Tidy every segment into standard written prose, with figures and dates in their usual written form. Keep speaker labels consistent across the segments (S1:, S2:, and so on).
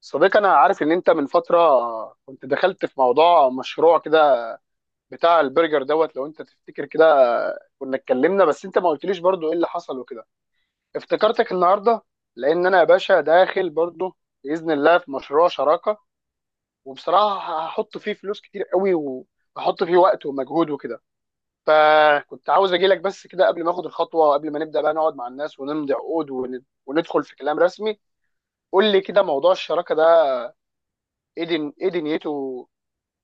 S1: صديقي انا عارف ان انت من فتره كنت دخلت في موضوع مشروع كده بتاع البرجر دوت. لو انت تفتكر كده كنا اتكلمنا، بس انت ما قلتليش برضو ايه اللي حصل وكده. افتكرتك النهارده لان انا يا باشا داخل برضو باذن الله في مشروع شراكه، وبصراحه هحط فيه فلوس كتير قوي وهحط فيه وقت ومجهود وكده. فكنت عاوز اجي لك بس كده قبل ما اخد الخطوه وقبل ما نبدا بقى نقعد مع الناس ونمضي عقود وندخل في كلام رسمي. قول لي كده موضوع الشراكه ده ايه دنيته؟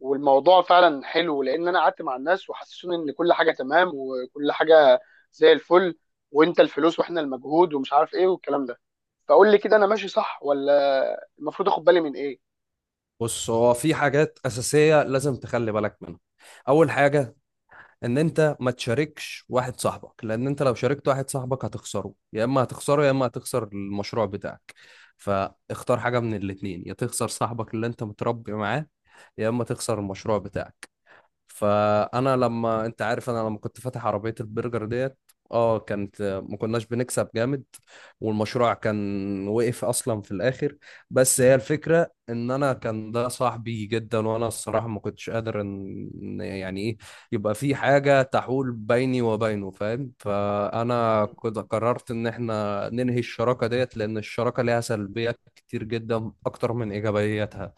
S1: والموضوع فعلا حلو، لان انا قعدت مع الناس وحسسوني ان كل حاجه تمام وكل حاجه زي الفل، وانت الفلوس واحنا المجهود ومش عارف ايه والكلام ده. فقول لي كده، انا ماشي صح ولا المفروض اخد بالي من ايه؟
S2: بص، هو في حاجات أساسية لازم تخلي بالك منها. أول حاجة، إن أنت ما تشاركش واحد صاحبك، لأن أنت لو شاركت واحد صاحبك هتخسره، يا إما هتخسره يا إما هتخسر المشروع بتاعك. فاختار حاجة من الاتنين، يا تخسر صاحبك اللي أنت متربي معاه يا إما تخسر المشروع بتاعك. فانا لما انت عارف انا لما كنت فاتح عربيه البرجر ديت، اه كانت ما كناش بنكسب جامد، والمشروع كان وقف اصلا في الاخر. بس هي الفكره ان انا كان ده صاحبي جدا، وانا الصراحه ما كنتش قادر إن يعني ايه يبقى في حاجه تحول بيني وبينه، فاهم؟ فانا كنت قررت ان احنا ننهي الشراكه ديت، لان الشراكه ليها سلبيات كتير جدا اكتر من ايجابياتها.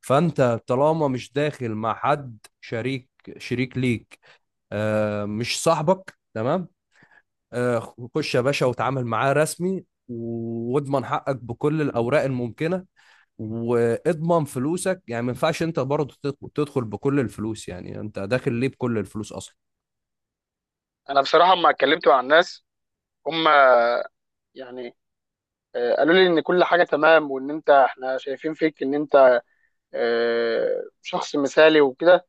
S2: فانت طالما مش داخل مع حد شريك ليك، آه، مش صاحبك، تمام؟ آه، خش يا باشا وتعامل معاه رسمي، واضمن حقك بكل الاوراق الممكنه، واضمن فلوسك. يعني ما ينفعش انت برضه تدخل بكل الفلوس. يعني انت داخل ليه بكل الفلوس اصلا؟
S1: انا بصراحه لما اتكلمت مع الناس هم يعني قالوا لي ان كل حاجه تمام، وان انت احنا شايفين فيك ان انت شخص مثالي وكده.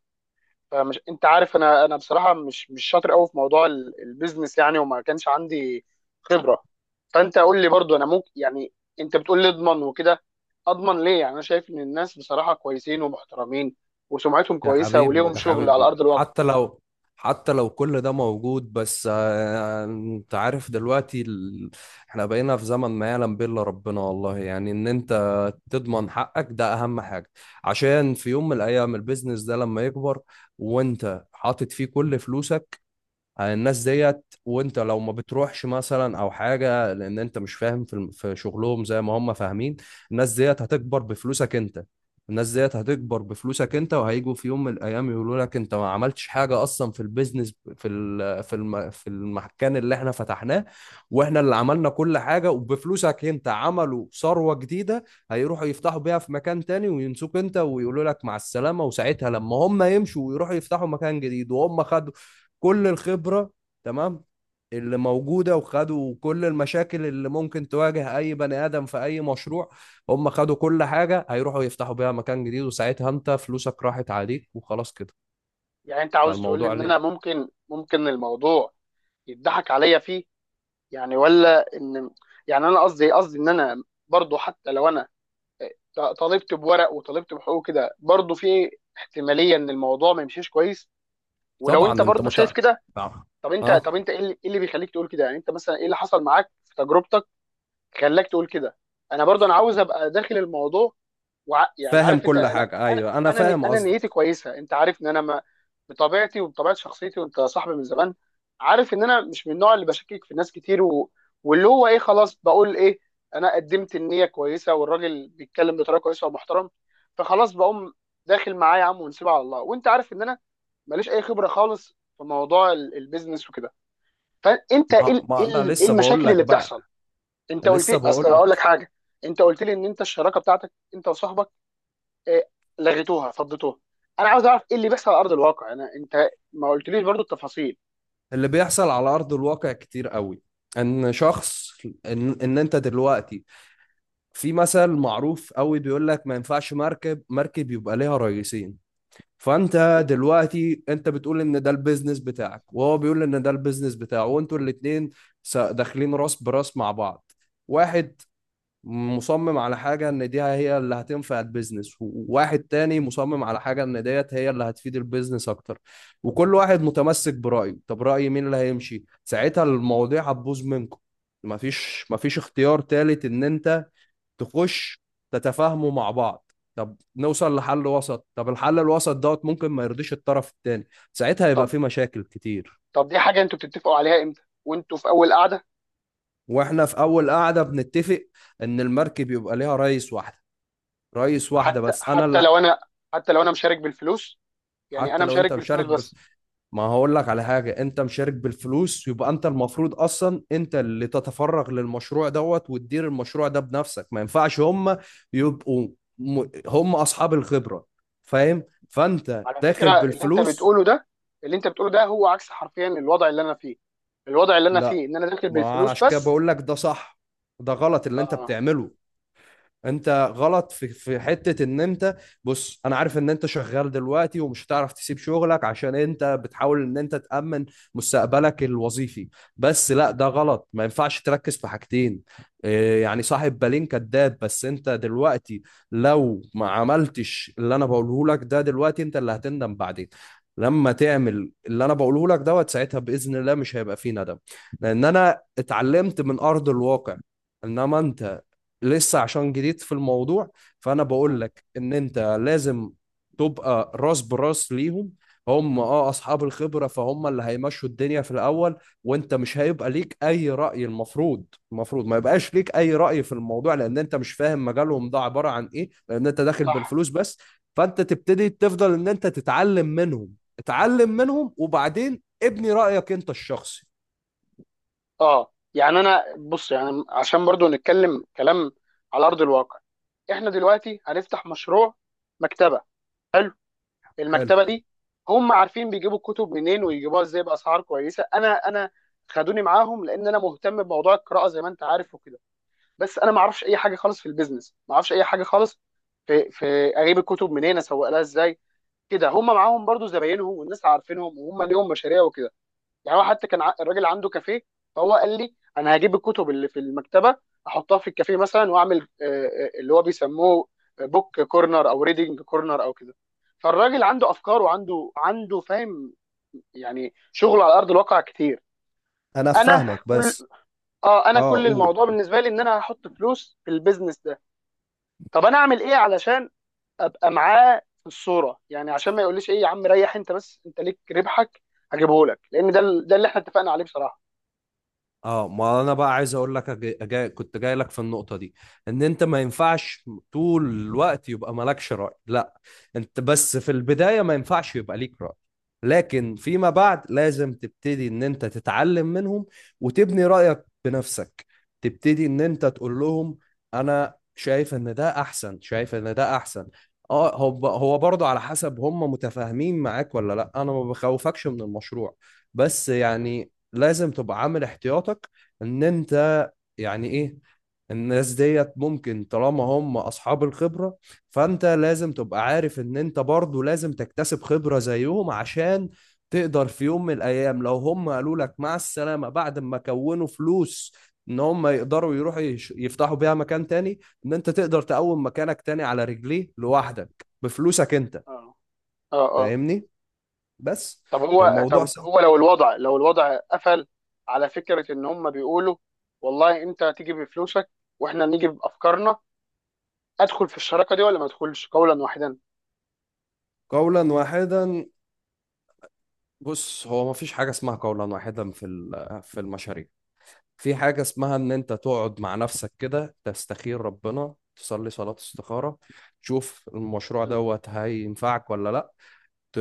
S1: فمش انت عارف انا، انا بصراحه مش شاطر قوي في موضوع البيزنس يعني، وما كانش عندي خبره. فانت قول لي برضو، انا ممكن يعني انت بتقول لي اضمن وكده، اضمن ليه؟ يعني انا شايف ان الناس بصراحه كويسين ومحترمين وسمعتهم
S2: يا
S1: كويسه
S2: حبيبي
S1: وليهم
S2: يا
S1: شغل على
S2: حبيبي،
S1: ارض الواقع.
S2: حتى لو حتى لو كل ده موجود، بس آه، انت عارف دلوقتي احنا بقينا في زمن ما يعلم به الا ربنا، والله. يعني ان انت تضمن حقك ده اهم حاجة، عشان في يوم من الايام البيزنس ده لما يكبر وانت حاطط فيه كل فلوسك على الناس ديت، وانت لو ما بتروحش مثلا او حاجه لان انت مش فاهم في في شغلهم زي ما هم فاهمين، الناس ديت هتكبر بفلوسك انت. الناس ديت هتكبر بفلوسك انت وهيجوا في يوم من الايام يقولوا لك انت ما عملتش حاجه اصلا في البيزنس، في في في المكان اللي احنا فتحناه، واحنا اللي عملنا كل حاجه، وبفلوسك انت عملوا ثروه جديده. هيروحوا يفتحوا بيها في مكان تاني وينسوك انت ويقولوا لك مع السلامه. وساعتها لما هم يمشوا ويروحوا يفتحوا مكان جديد وهم خدوا كل الخبرة، تمام، اللي موجودة، وخدوا كل المشاكل اللي ممكن تواجه أي بني آدم في أي مشروع، هم خدوا كل حاجة، هيروحوا يفتحوا بيها مكان جديد، وساعتها أنت فلوسك راحت عليك وخلاص كده.
S1: يعني انت عاوز تقول لي
S2: فالموضوع
S1: ان
S2: ليه؟
S1: انا ممكن الموضوع يضحك عليا فيه يعني؟ ولا ان يعني انا قصدي ان انا برضو، حتى لو انا طالبت بورق وطالبت بحقوق كده، برضو في احتماليه ان الموضوع ما يمشيش كويس، ولو انت
S2: طبعا أنت
S1: برضو شايف كده.
S2: نعم.
S1: طب انت طب
S2: أه،
S1: انت ايه اللي بيخليك تقول كده؟ يعني انت مثلا ايه اللي حصل معاك في تجربتك خلاك تقول كده؟ انا برضو انا عاوز ابقى داخل الموضوع، وع يعني
S2: فاهم
S1: عارف انت،
S2: كل
S1: انا
S2: حاجة،
S1: انا
S2: أيوه، أنا
S1: انا
S2: فاهم
S1: انا نيتي
S2: قصدك.
S1: كويسه، انت عارف ان انا ما بطبيعتي وبطبيعه شخصيتي، وانت صاحبي من زمان، عارف ان انا مش من النوع اللي بشكك في ناس كتير و... واللي هو ايه، خلاص بقول ايه، انا قدمت النيه كويسه والراجل بيتكلم بطريقه كويسه ومحترم، فخلاص بقوم داخل معاه يا عم ونسيبها على الله. وانت عارف ان انا ماليش اي خبره خالص في موضوع البيزنس وكده. فانت ايه
S2: ما...
S1: ال- ايه
S2: ما أنا
S1: ال- إيه
S2: لسه بقول
S1: المشاكل
S2: لك
S1: اللي بتحصل؟
S2: بقى،
S1: انت قلت
S2: لسه
S1: لي،
S2: بقول
S1: اصل هقول لك
S2: لك.
S1: حاجه، انت قلت لي ان انت الشراكه بتاعتك انت وصاحبك إيه، لغيتوها فضيتوها. انا عاوز اعرف ايه اللي بيحصل على ارض الواقع، انا انت ما قلتليش برضو التفاصيل.
S2: اللي بيحصل على أرض الواقع كتير قوي. ان شخص، إن انت دلوقتي، في مثل معروف قوي بيقول لك ما ينفعش مركب يبقى ليها رئيسين. فانت
S1: مم.
S2: دلوقتي انت بتقول ان ده البيزنس بتاعك، وهو بيقول ان ده البيزنس بتاعه، وانتوا الاتنين داخلين راس براس مع بعض. واحد مصمم على حاجة ان دي هي اللي هتنفع البيزنس، وواحد تاني مصمم على حاجة ان ديت هي اللي هتفيد البيزنس اكتر، وكل واحد متمسك برأيه. طب رأي مين اللي هيمشي؟ ساعتها المواضيع هتبوظ منكم. مفيش اختيار تالت، ان انت تخش تتفاهموا مع بعض، طب نوصل لحل وسط، طب الحل الوسط دوت ممكن ما يرضيش الطرف التاني، ساعتها يبقى
S1: طب
S2: في مشاكل كتير.
S1: طب دي حاجه انتوا بتتفقوا عليها امتى؟ وانتوا في اول قعده؟
S2: واحنا في اول قعده بنتفق ان المركب يبقى ليها رئيس واحده، رئيس واحده
S1: حتى
S2: بس، انا
S1: حتى
S2: لا.
S1: لو انا، حتى لو انا مشارك بالفلوس، يعني
S2: حتى
S1: انا
S2: لو انت
S1: مشارك
S2: مشارك
S1: بالفلوس بس.
S2: ما هقول لك على حاجه، انت مشارك بالفلوس يبقى انت المفروض اصلا انت اللي تتفرغ للمشروع دوت وتدير المشروع ده بنفسك. ما ينفعش هم يبقوا هم اصحاب الخبره، فاهم؟ فانت
S1: على
S2: داخل
S1: فكره اللي انت
S2: بالفلوس.
S1: بتقوله ده، اللي انت بتقوله ده هو عكس حرفيا الوضع اللي انا فيه. الوضع اللي انا فيه
S2: لا،
S1: ان انا داخل
S2: ما انا
S1: بالفلوس
S2: عشان كده
S1: بس.
S2: بقول لك ده صح، ده غلط اللي انت
S1: اه.
S2: بتعمله. انت غلط في حته ان انت، بص انا عارف ان انت شغال دلوقتي، ومش هتعرف تسيب شغلك عشان انت بتحاول ان انت تامن مستقبلك الوظيفي، بس لا، ده غلط. ما ينفعش تركز في حاجتين، إيه، يعني صاحب بالين كداب. بس انت دلوقتي لو ما عملتش اللي انا بقوله لك ده دلوقتي، انت اللي هتندم بعدين. لما تعمل اللي انا بقوله لك دوت، ساعتها باذن الله مش هيبقى فيه ندم، لان انا اتعلمت من ارض الواقع. انما انت لسه، عشان جديد في الموضوع، فانا بقول
S1: مم.
S2: لك ان انت لازم تبقى راس براس ليهم. هم اه اصحاب الخبره، فهم اللي هيمشوا الدنيا في الاول، وانت مش هيبقى ليك اي راي. المفروض المفروض ما يبقاش ليك اي راي في الموضوع، لان انت مش فاهم مجالهم ده عباره عن ايه، لان انت داخل
S1: صح.
S2: بالفلوس بس. فانت تبتدي تفضل ان انت تتعلم منهم، اتعلم منهم، وبعدين ابني رايك انت الشخصي.
S1: اه يعني انا بص، يعني عشان برضو نتكلم كلام على ارض الواقع، احنا دلوقتي هنفتح مشروع مكتبه. حلو.
S2: حلو،
S1: المكتبه دي هم عارفين بيجيبوا الكتب منين ويجيبوها ازاي باسعار كويسه. انا خدوني معاهم لان انا مهتم بموضوع القراءه زي ما انت عارف وكده. بس انا ما اعرفش اي حاجه خالص في البيزنس، ما اعرفش اي حاجه خالص في في اجيب الكتب منين، اسوق لها ازاي. كده هم معاهم برضو زباينهم، والناس عارفينهم، وهم ليهم مشاريع وكده. يعني هو حتى الراجل عنده كافيه، فهو قال لي انا هجيب الكتب اللي في المكتبه احطها في الكافيه مثلا واعمل اللي هو بيسموه بوك كورنر او ريدنج كورنر او كده. فالراجل عنده افكار وعنده فاهم يعني شغل على ارض الواقع كتير.
S2: انا
S1: انا
S2: فاهمك،
S1: كل،
S2: بس.
S1: اه انا
S2: اه
S1: كل
S2: قول.
S1: الموضوع بالنسبه لي ان انا هحط فلوس في البيزنس ده. طب انا اعمل ايه علشان ابقى معاه في الصوره؟ يعني عشان ما يقوليش ايه يا عم، ريح انت بس انت ليك ربحك هجيبه لك، لان ده ده اللي احنا اتفقنا عليه بصراحه.
S2: اه، ما انا بقى عايز اقول لك كنت جاي لك في النقطه دي. ان انت ما ينفعش طول الوقت يبقى مالكش راي، لا، انت بس في البداية ما ينفعش يبقى ليك رأي، لكن فيما بعد لازم تبتدي ان انت تتعلم منهم، وتبني رأيك بنفسك، تبتدي ان انت تقول لهم انا شايف ان ده احسن، شايف ان ده احسن. اه، هو هو برضه على حسب هم متفاهمين معاك ولا لا. انا ما بخوفكش من المشروع، بس يعني لازم تبقى عامل احتياطك. ان انت يعني ايه؟ الناس ديت ممكن، طالما هم اصحاب الخبرة، فانت لازم تبقى عارف ان انت برضو لازم تكتسب خبرة زيهم، عشان تقدر في يوم من الايام لو هم قالوا لك مع السلامة بعد ما كونوا فلوس ان هم يقدروا يروحوا يفتحوا بيها مكان تاني، ان انت تقدر تقوم مكانك تاني على رجليه لوحدك بفلوسك انت.
S1: اه. اه. اه
S2: فاهمني؟ بس.
S1: طب هو،
S2: فالموضوع
S1: طب
S2: سهل.
S1: هو لو الوضع، لو الوضع قفل على فكره ان هم بيقولوا والله انت تيجي بفلوسك واحنا نيجي بافكارنا، ادخل في الشراكه دي ولا ما ادخلش قولا واحدا؟
S2: قولا واحدا؟ بص، هو مفيش حاجة اسمها قولا واحدا في في المشاريع. في حاجة اسمها إن أنت تقعد مع نفسك كده، تستخير ربنا، تصلي صلاة استخارة، تشوف المشروع
S1: مم.
S2: دوت هينفعك ولا لأ، ت...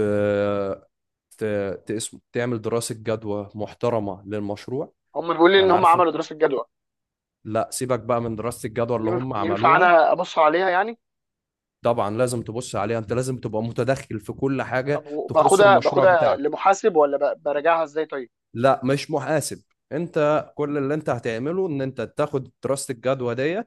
S2: ت... تقسمه، تعمل دراسة جدوى محترمة للمشروع.
S1: هم بيقولوا لي ان
S2: أنا
S1: هم
S2: عارفك،
S1: عملوا دراسه جدوى.
S2: لأ سيبك بقى من دراسة الجدوى اللي هم
S1: ينفع
S2: عملوها.
S1: انا ابص عليها يعني؟
S2: طبعا لازم تبص عليها، أنت لازم تبقى متدخل في كل
S1: طب
S2: حاجة تخص
S1: باخدها
S2: المشروع
S1: باخدها
S2: بتاعك.
S1: لمحاسب، ولا براجعها ازاي طيب؟
S2: لأ، مش محاسب، أنت كل اللي أنت هتعمله إن أنت تاخد دراسة الجدوى دي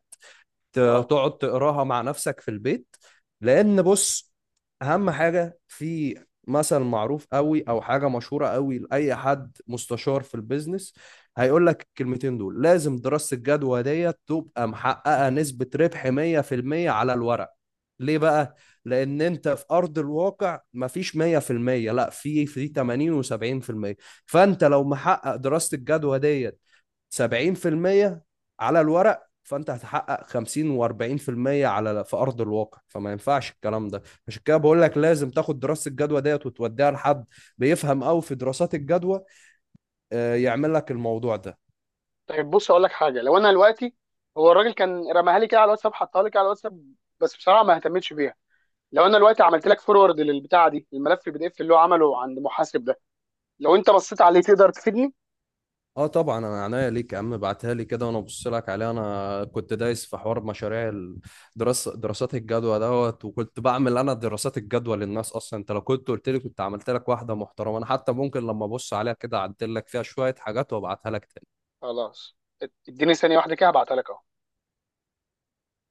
S2: ت-
S1: اه
S2: تقعد تقراها مع نفسك في البيت. لان بص، اهم حاجه في، مثل معروف قوي او حاجه مشهوره قوي لاي حد مستشار في البيزنس، هيقول لك الكلمتين دول، لازم دراسه الجدوى ديت تبقى محققه نسبه ربح 100% على الورق. ليه بقى؟ لان انت في ارض الواقع مفيش 100%، لا، في في 80 و70%. فانت لو محقق دراسه الجدوى دي 70% على الورق، فانت هتحقق 50 و40% على في ارض الواقع، فما ينفعش الكلام ده. عشان كده بقول لك لازم تاخد دراسه الجدوى ديت وتوديها لحد بيفهم قوي في دراسات الجدوى، آه، يعمل لك الموضوع ده.
S1: طيب بص اقول لك حاجه. لو انا دلوقتي، هو الراجل كان رماها لي كده على الواتساب، حطها لي كده على الواتساب، بس بصراحه ما اهتمتش بيها. لو انا دلوقتي عملت لك فورورد للبتاعه دي، الملف PDF اللي هو عمله عند محاسب ده، لو انت بصيت عليه تقدر تفيدني؟
S2: اه طبعا، انا عناية ليك يا عم، ابعتها لي كده وانا ابص لك عليها. انا كنت دايس في حوار مشاريع، الدراسه، دراسات الجدوى دوت، وكنت بعمل انا دراسات الجدوى للناس اصلا. انت لو كنت قلت لي كنت عملت لك واحده محترمه. انا حتى ممكن لما ابص عليها كده اعدل لك فيها شويه حاجات وابعتها لك.
S1: خلاص، اديني ثانيه واحده كده هبعتها لك.